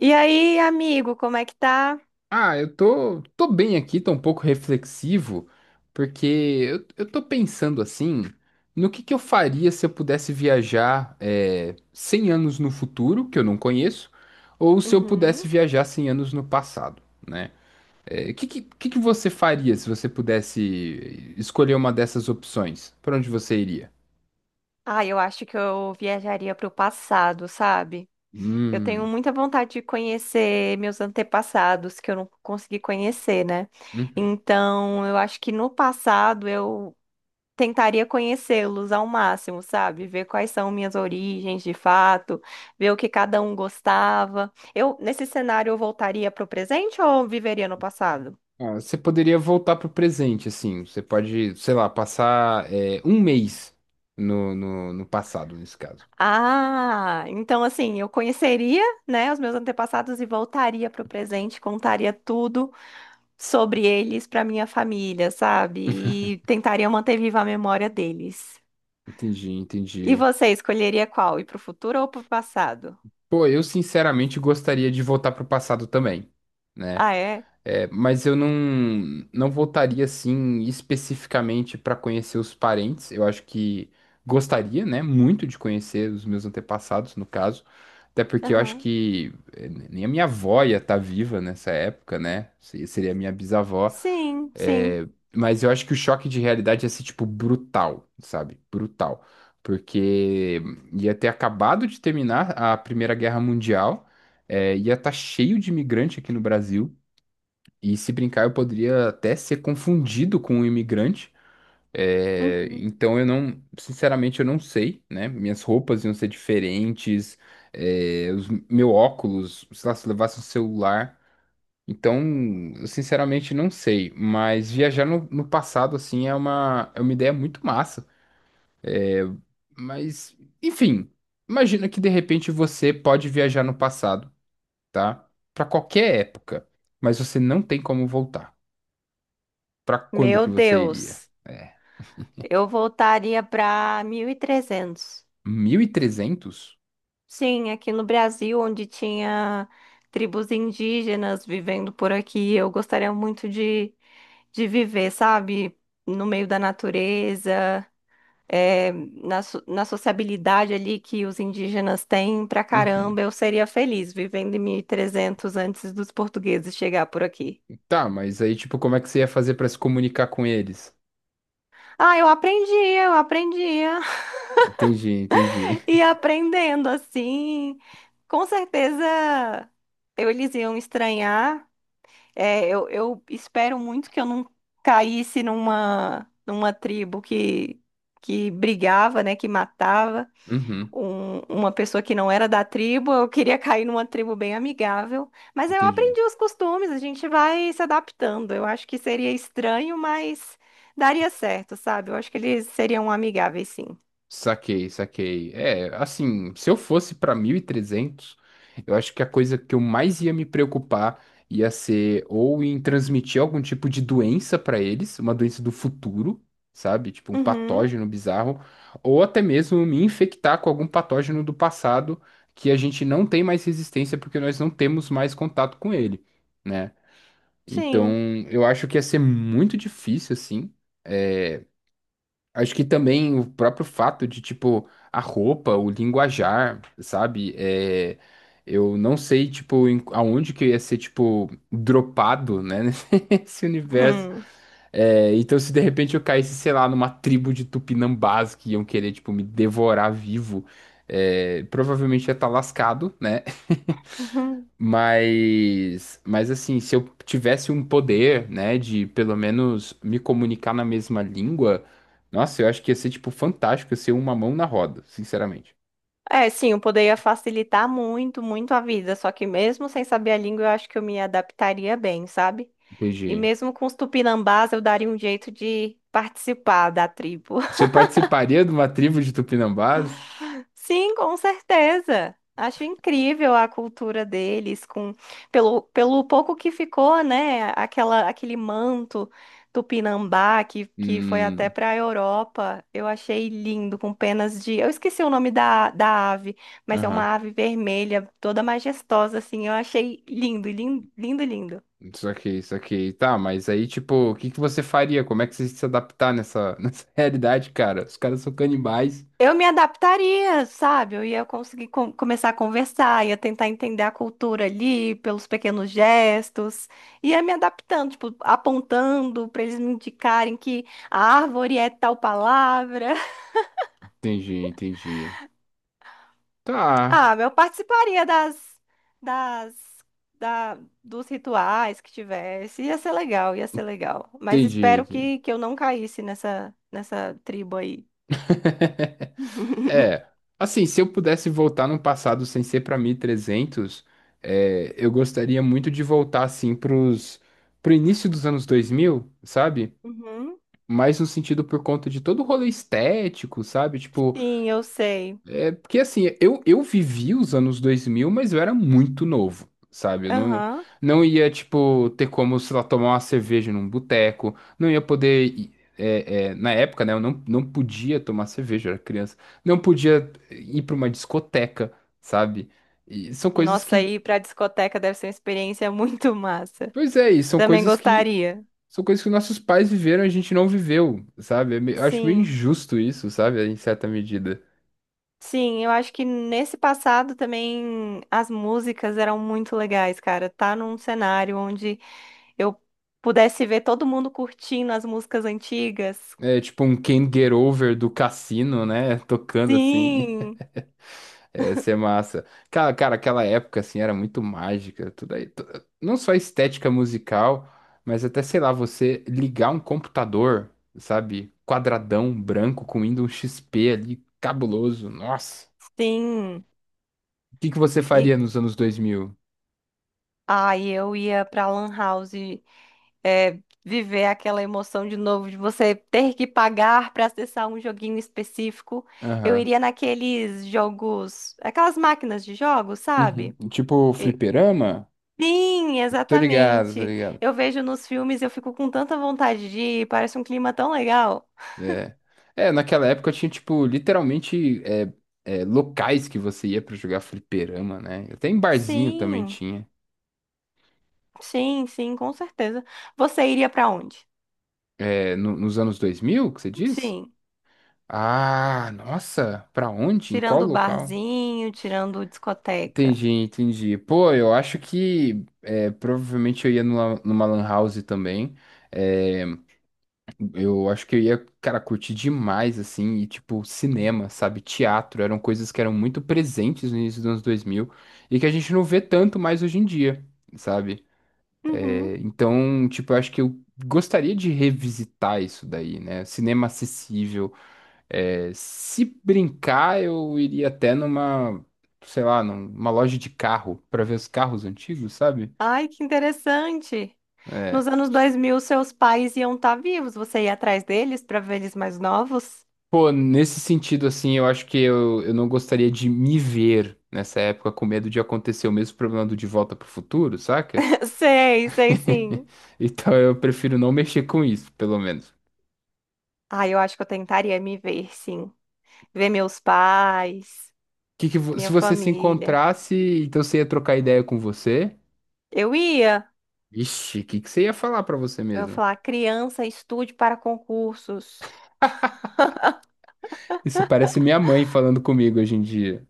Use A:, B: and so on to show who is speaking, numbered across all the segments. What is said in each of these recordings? A: E aí, amigo, como é que tá?
B: Ah, eu tô bem aqui, tô um pouco reflexivo, porque eu tô pensando assim, no que eu faria se eu pudesse viajar 100 anos no futuro, que eu não conheço, ou se eu pudesse
A: Uhum.
B: viajar 100 anos no passado, né? Que você faria se você pudesse escolher uma dessas opções? Para onde você iria?
A: Ah, eu acho que eu viajaria pro passado, sabe? Eu tenho
B: Hum,
A: muita vontade de conhecer meus antepassados que eu não consegui conhecer, né?
B: uhum.
A: Então, eu acho que no passado eu tentaria conhecê-los ao máximo, sabe? Ver quais são minhas origens de fato, ver o que cada um gostava. Eu, nesse cenário, eu voltaria pro presente ou viveria no passado?
B: Ah, você poderia voltar pro presente, assim. Você pode, sei lá, passar um mês no passado, nesse caso.
A: Ah, então assim, eu conheceria, né, os meus antepassados e voltaria para o presente, contaria tudo sobre eles para minha família, sabe? E tentaria manter viva a memória deles.
B: Entendi,
A: E
B: entendi.
A: você escolheria qual? Ir para o futuro ou para o passado?
B: Pô, eu sinceramente gostaria de voltar pro passado também, né?
A: Ah, é?
B: É, mas eu não, não voltaria, assim, especificamente para conhecer os parentes. Eu acho que gostaria, né, muito de conhecer os meus antepassados, no caso. Até porque eu acho
A: Aham.
B: que nem a minha avó ia estar viva nessa época, né? Seria a minha bisavó.
A: Sim, sim.
B: É, mas eu acho que o choque de realidade ia ser, tipo, brutal, sabe? Brutal. Porque ia ter acabado de terminar a Primeira Guerra Mundial, é, ia estar cheio de imigrante aqui no Brasil, e se brincar, eu poderia até ser confundido com um imigrante. É,
A: Uhum.
B: então eu não, sinceramente, eu não sei, né? Minhas roupas iam ser diferentes, é, meu óculos, sei lá, se eu levasse um celular. Então, eu sinceramente não sei, mas viajar no passado, assim, é uma ideia muito massa. Mas, enfim, imagina que de repente você pode viajar no passado, tá? Pra qualquer época, mas você não tem como voltar. Pra quando
A: Meu
B: que você iria?
A: Deus,
B: É,
A: eu voltaria para 1300.
B: 1300?
A: Sim, aqui no Brasil, onde tinha tribos indígenas vivendo por aqui, eu gostaria muito de viver, sabe? No meio da natureza, é, na, na sociabilidade ali que os indígenas têm pra
B: Uhum.
A: caramba, eu seria feliz vivendo em 1300 antes dos portugueses chegar por aqui.
B: Tá, mas aí, tipo, como é que você ia fazer pra se comunicar com eles?
A: Ah, eu aprendia
B: Entendi, entendi.
A: e aprendendo assim, com certeza eu, eles iam estranhar. É, eu espero muito que eu não caísse numa, numa tribo que brigava, né, que matava
B: Uhum,
A: uma pessoa que não era da tribo. Eu queria cair numa tribo bem amigável, mas eu
B: entendi.
A: aprendi os costumes, a gente vai se adaptando. Eu acho que seria estranho, mas daria certo, sabe? Eu acho que eles seriam amigáveis, sim.
B: Saquei, saquei. É, assim, se eu fosse para 1300 eu acho que a coisa que eu mais ia me preocupar ia ser ou em transmitir algum tipo de doença para eles, uma doença do futuro, sabe? Tipo um
A: Uhum,
B: patógeno bizarro, ou até mesmo me infectar com algum patógeno do passado que a gente não tem mais resistência porque nós não temos mais contato com ele, né? Então,
A: sim.
B: eu acho que ia ser muito difícil, assim. é, Acho que também o próprio fato de, tipo, a roupa, o linguajar, sabe? É, eu não sei, tipo, aonde que eu ia ser, tipo, dropado, né? Nesse universo.
A: Uhum,
B: É, então, se de repente eu caísse, sei lá, numa tribo de tupinambás que iam querer, tipo, me devorar vivo, é, provavelmente ia estar lascado, né?
A: uhum.
B: Mas assim, se eu tivesse um poder, né, de pelo menos me comunicar na mesma língua, nossa, eu acho que ia ser, tipo, fantástico ia ser uma mão na roda, sinceramente.
A: É, sim, eu poderia facilitar muito, muito a vida, só que mesmo sem saber a língua, eu acho que eu me adaptaria bem, sabe? E
B: Entendi.
A: mesmo com os tupinambás, eu daria um jeito de participar da tribo.
B: Você participaria de uma tribo de Tupinambás?
A: Sim, com certeza. Acho incrível a cultura deles, com pelo, pelo pouco que ficou, né? Aquela, aquele manto tupinambá que foi até
B: Hum,
A: para a Europa. Eu achei lindo, com penas de. Eu esqueci o nome da, da ave, mas é
B: aham.
A: uma ave vermelha, toda majestosa, assim. Eu achei lindo, lindo, lindo, lindo.
B: Só que isso aqui. Tá, mas aí, tipo, o que que você faria? Como é que você ia se adaptar nessa, nessa realidade, cara? Os caras são canibais.
A: Eu me adaptaria, sabe? Eu ia conseguir começar a conversar, ia tentar entender a cultura ali pelos pequenos gestos, ia me adaptando, tipo, apontando para eles me indicarem que a árvore é tal palavra.
B: Entendi, entendi. Tá,
A: Ah, eu participaria das, das, da, dos rituais que tivesse. Ia ser legal, ia ser legal. Mas
B: entendi,
A: espero
B: entendi.
A: que eu não caísse nessa, nessa tribo aí.
B: É, assim, se eu pudesse voltar no passado sem ser pra 1300, é, eu gostaria muito de voltar, assim, pro início dos anos 2000, sabe?
A: Uhum.
B: Mais no sentido por conta de todo o rolê estético, sabe? Tipo,
A: Sim, eu sei.
B: é porque assim, eu vivi os anos 2000 mas eu era muito novo, sabe? Eu não,
A: Aham.
B: não ia, tipo, ter como, sei lá, tomar uma cerveja num boteco, não ia poder. É, é, na época, né, eu não, não podia tomar cerveja, eu era criança, não podia ir para uma discoteca, sabe? E são coisas
A: Nossa,
B: que.
A: ir pra discoteca deve ser uma experiência muito massa.
B: Pois é, e são
A: Também
B: coisas que.
A: gostaria.
B: São coisas que nossos pais viveram e a gente não viveu, sabe? Eu acho meio
A: Sim,
B: injusto isso, sabe? Em certa medida.
A: sim, eu acho que nesse passado também as músicas eram muito legais, cara. Tá num cenário onde eu pudesse ver todo mundo curtindo as músicas antigas.
B: É tipo um Can't Get Over do Cassino, né? Tocando assim.
A: Sim,
B: É, ia ser massa. Cara, aquela época assim era muito mágica, tudo aí. Não só a estética musical, mas até, sei lá, você ligar um computador, sabe? Quadradão, branco, com Windows XP ali, cabuloso. Nossa.
A: sim.
B: O que que você
A: E
B: faria nos anos 2000?
A: ai, eu ia pra Lan House é, viver aquela emoção de novo, de você ter que pagar para acessar um joguinho específico. Eu
B: Aham.
A: iria naqueles jogos, aquelas máquinas de jogos,
B: Uhum.
A: sabe?
B: Tipo
A: E-
B: fliperama?
A: Sim,
B: Tô ligado, tô
A: exatamente.
B: ligado.
A: Eu vejo nos filmes, eu fico com tanta vontade de ir, parece um clima tão legal.
B: É. É, naquela época tinha, tipo, literalmente locais que você ia pra jogar fliperama, né? Até em barzinho também
A: Sim,
B: tinha.
A: sim, sim, com certeza. Você iria para onde?
B: É, nos anos 2000, que você diz?
A: Sim,
B: Ah, nossa, pra onde? Em qual
A: tirando o
B: local?
A: barzinho, tirando discoteca.
B: Entendi, entendi. Pô, eu acho que é, provavelmente eu ia numa, numa lan house também. É, eu acho que eu ia, cara, curtir demais, assim, e tipo, cinema, sabe? Teatro, eram coisas que eram muito presentes no início dos anos 2000 e que a gente não vê tanto mais hoje em dia, sabe?
A: Uhum.
B: É, então, tipo, eu acho que eu gostaria de revisitar isso daí, né? Cinema acessível. É, se brincar, eu iria até numa, sei lá, numa loja de carro pra ver os carros antigos, sabe?
A: Ai, que interessante.
B: É,
A: Nos anos 2000, seus pais iam estar vivos. Você ia atrás deles para ver eles mais novos?
B: pô, nesse sentido, assim, eu acho que eu não gostaria de me ver nessa época com medo de acontecer o mesmo problema do De Volta pro Futuro, saca?
A: Sei, sei sim.
B: Então eu prefiro não mexer com isso, pelo menos.
A: Ah, eu acho que eu tentaria me ver, sim. Ver meus pais, minha
B: Se você se
A: família.
B: encontrasse, então você ia trocar ideia com você?
A: Eu ia.
B: Ixi, o que que você ia falar pra você
A: Eu ia
B: mesmo?
A: falar, criança, estude para concursos.
B: Isso parece minha mãe falando comigo hoje em dia.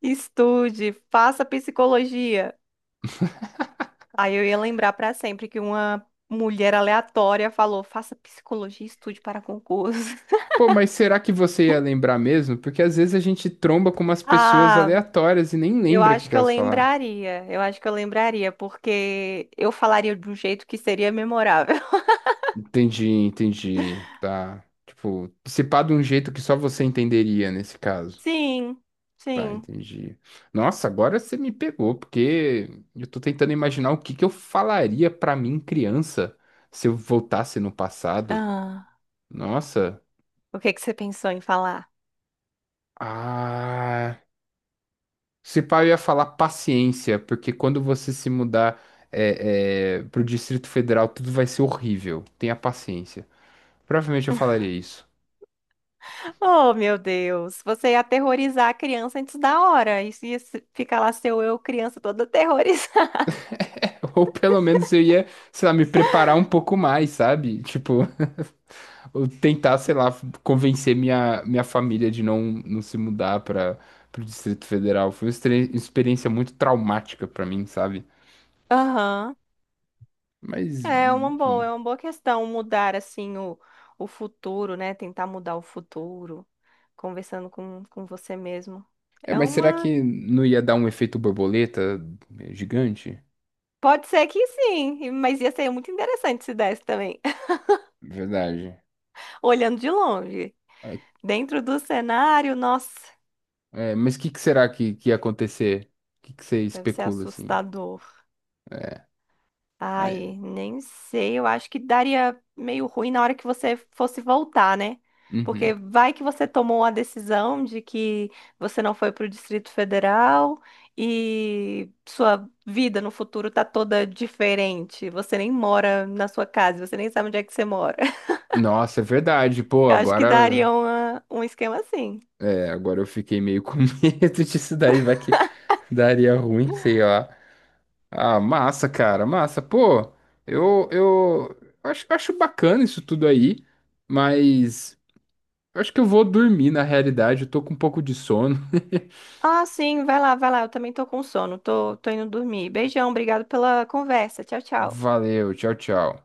A: Estude, faça psicologia. Aí eu ia lembrar para sempre que uma mulher aleatória falou, faça psicologia, e estude para concursos.
B: Pô, mas será que você ia lembrar mesmo? Porque às vezes a gente tromba com umas pessoas
A: Ah,
B: aleatórias e nem
A: eu
B: lembra o que
A: acho
B: que
A: que eu
B: elas falaram.
A: lembraria. Eu acho que eu lembraria, porque eu falaria de um jeito que seria memorável.
B: Entendi, entendi. Tá. Tipo, se pá de um jeito que só você entenderia nesse caso.
A: Sim,
B: Tá,
A: sim.
B: entendi. Nossa, agora você me pegou, porque eu tô tentando imaginar o que que eu falaria pra mim, criança, se eu voltasse no passado.
A: Ah,
B: Nossa.
A: o que que você pensou em falar?
B: Ah. Se pá, eu ia falar paciência, porque quando você se mudar pro Distrito Federal, tudo vai ser horrível. Tenha paciência. Provavelmente eu falaria isso.
A: Oh, meu Deus, você ia aterrorizar a criança antes da hora. Isso ia ficar lá seu eu, criança, toda aterrorizada.
B: Ou pelo menos eu ia, sei lá, me preparar um pouco mais, sabe? Tipo, ou tentar, sei lá, convencer minha família de não se mudar para o Distrito Federal. Foi uma experiência muito traumática para mim, sabe?
A: Aham.
B: Mas,
A: É
B: enfim.
A: uma boa questão mudar assim o futuro, né? Tentar mudar o futuro, conversando com você mesmo.
B: É,
A: É
B: mas será
A: uma
B: que não ia dar um efeito borboleta gigante?
A: Pode ser que sim, mas ia ser muito interessante se desse também,
B: Verdade.
A: olhando de longe.
B: É,
A: Dentro do cenário, nossa,
B: mas o que, que será que ia acontecer? O que, que você
A: deve ser
B: especula, assim?
A: assustador.
B: É, mas,
A: Ai, nem sei, eu acho que daria meio ruim na hora que você fosse voltar, né?
B: uhum.
A: Porque vai que você tomou a decisão de que você não foi para o Distrito Federal e sua vida no futuro tá toda diferente. Você nem mora na sua casa, você nem sabe onde é que você mora.
B: Nossa, é verdade. Pô,
A: Eu acho que daria
B: agora.
A: um esquema assim.
B: É, agora eu fiquei meio com medo disso daí, vai que daria ruim, sei lá. Ah, massa, cara, massa. Pô, eu acho bacana isso tudo aí, mas eu acho que eu vou dormir na realidade, eu tô com um pouco de sono.
A: Ah, sim, vai lá, vai lá. Eu também tô com sono. Tô, tô indo dormir. Beijão, obrigado pela conversa. Tchau, tchau.
B: Valeu, tchau, tchau.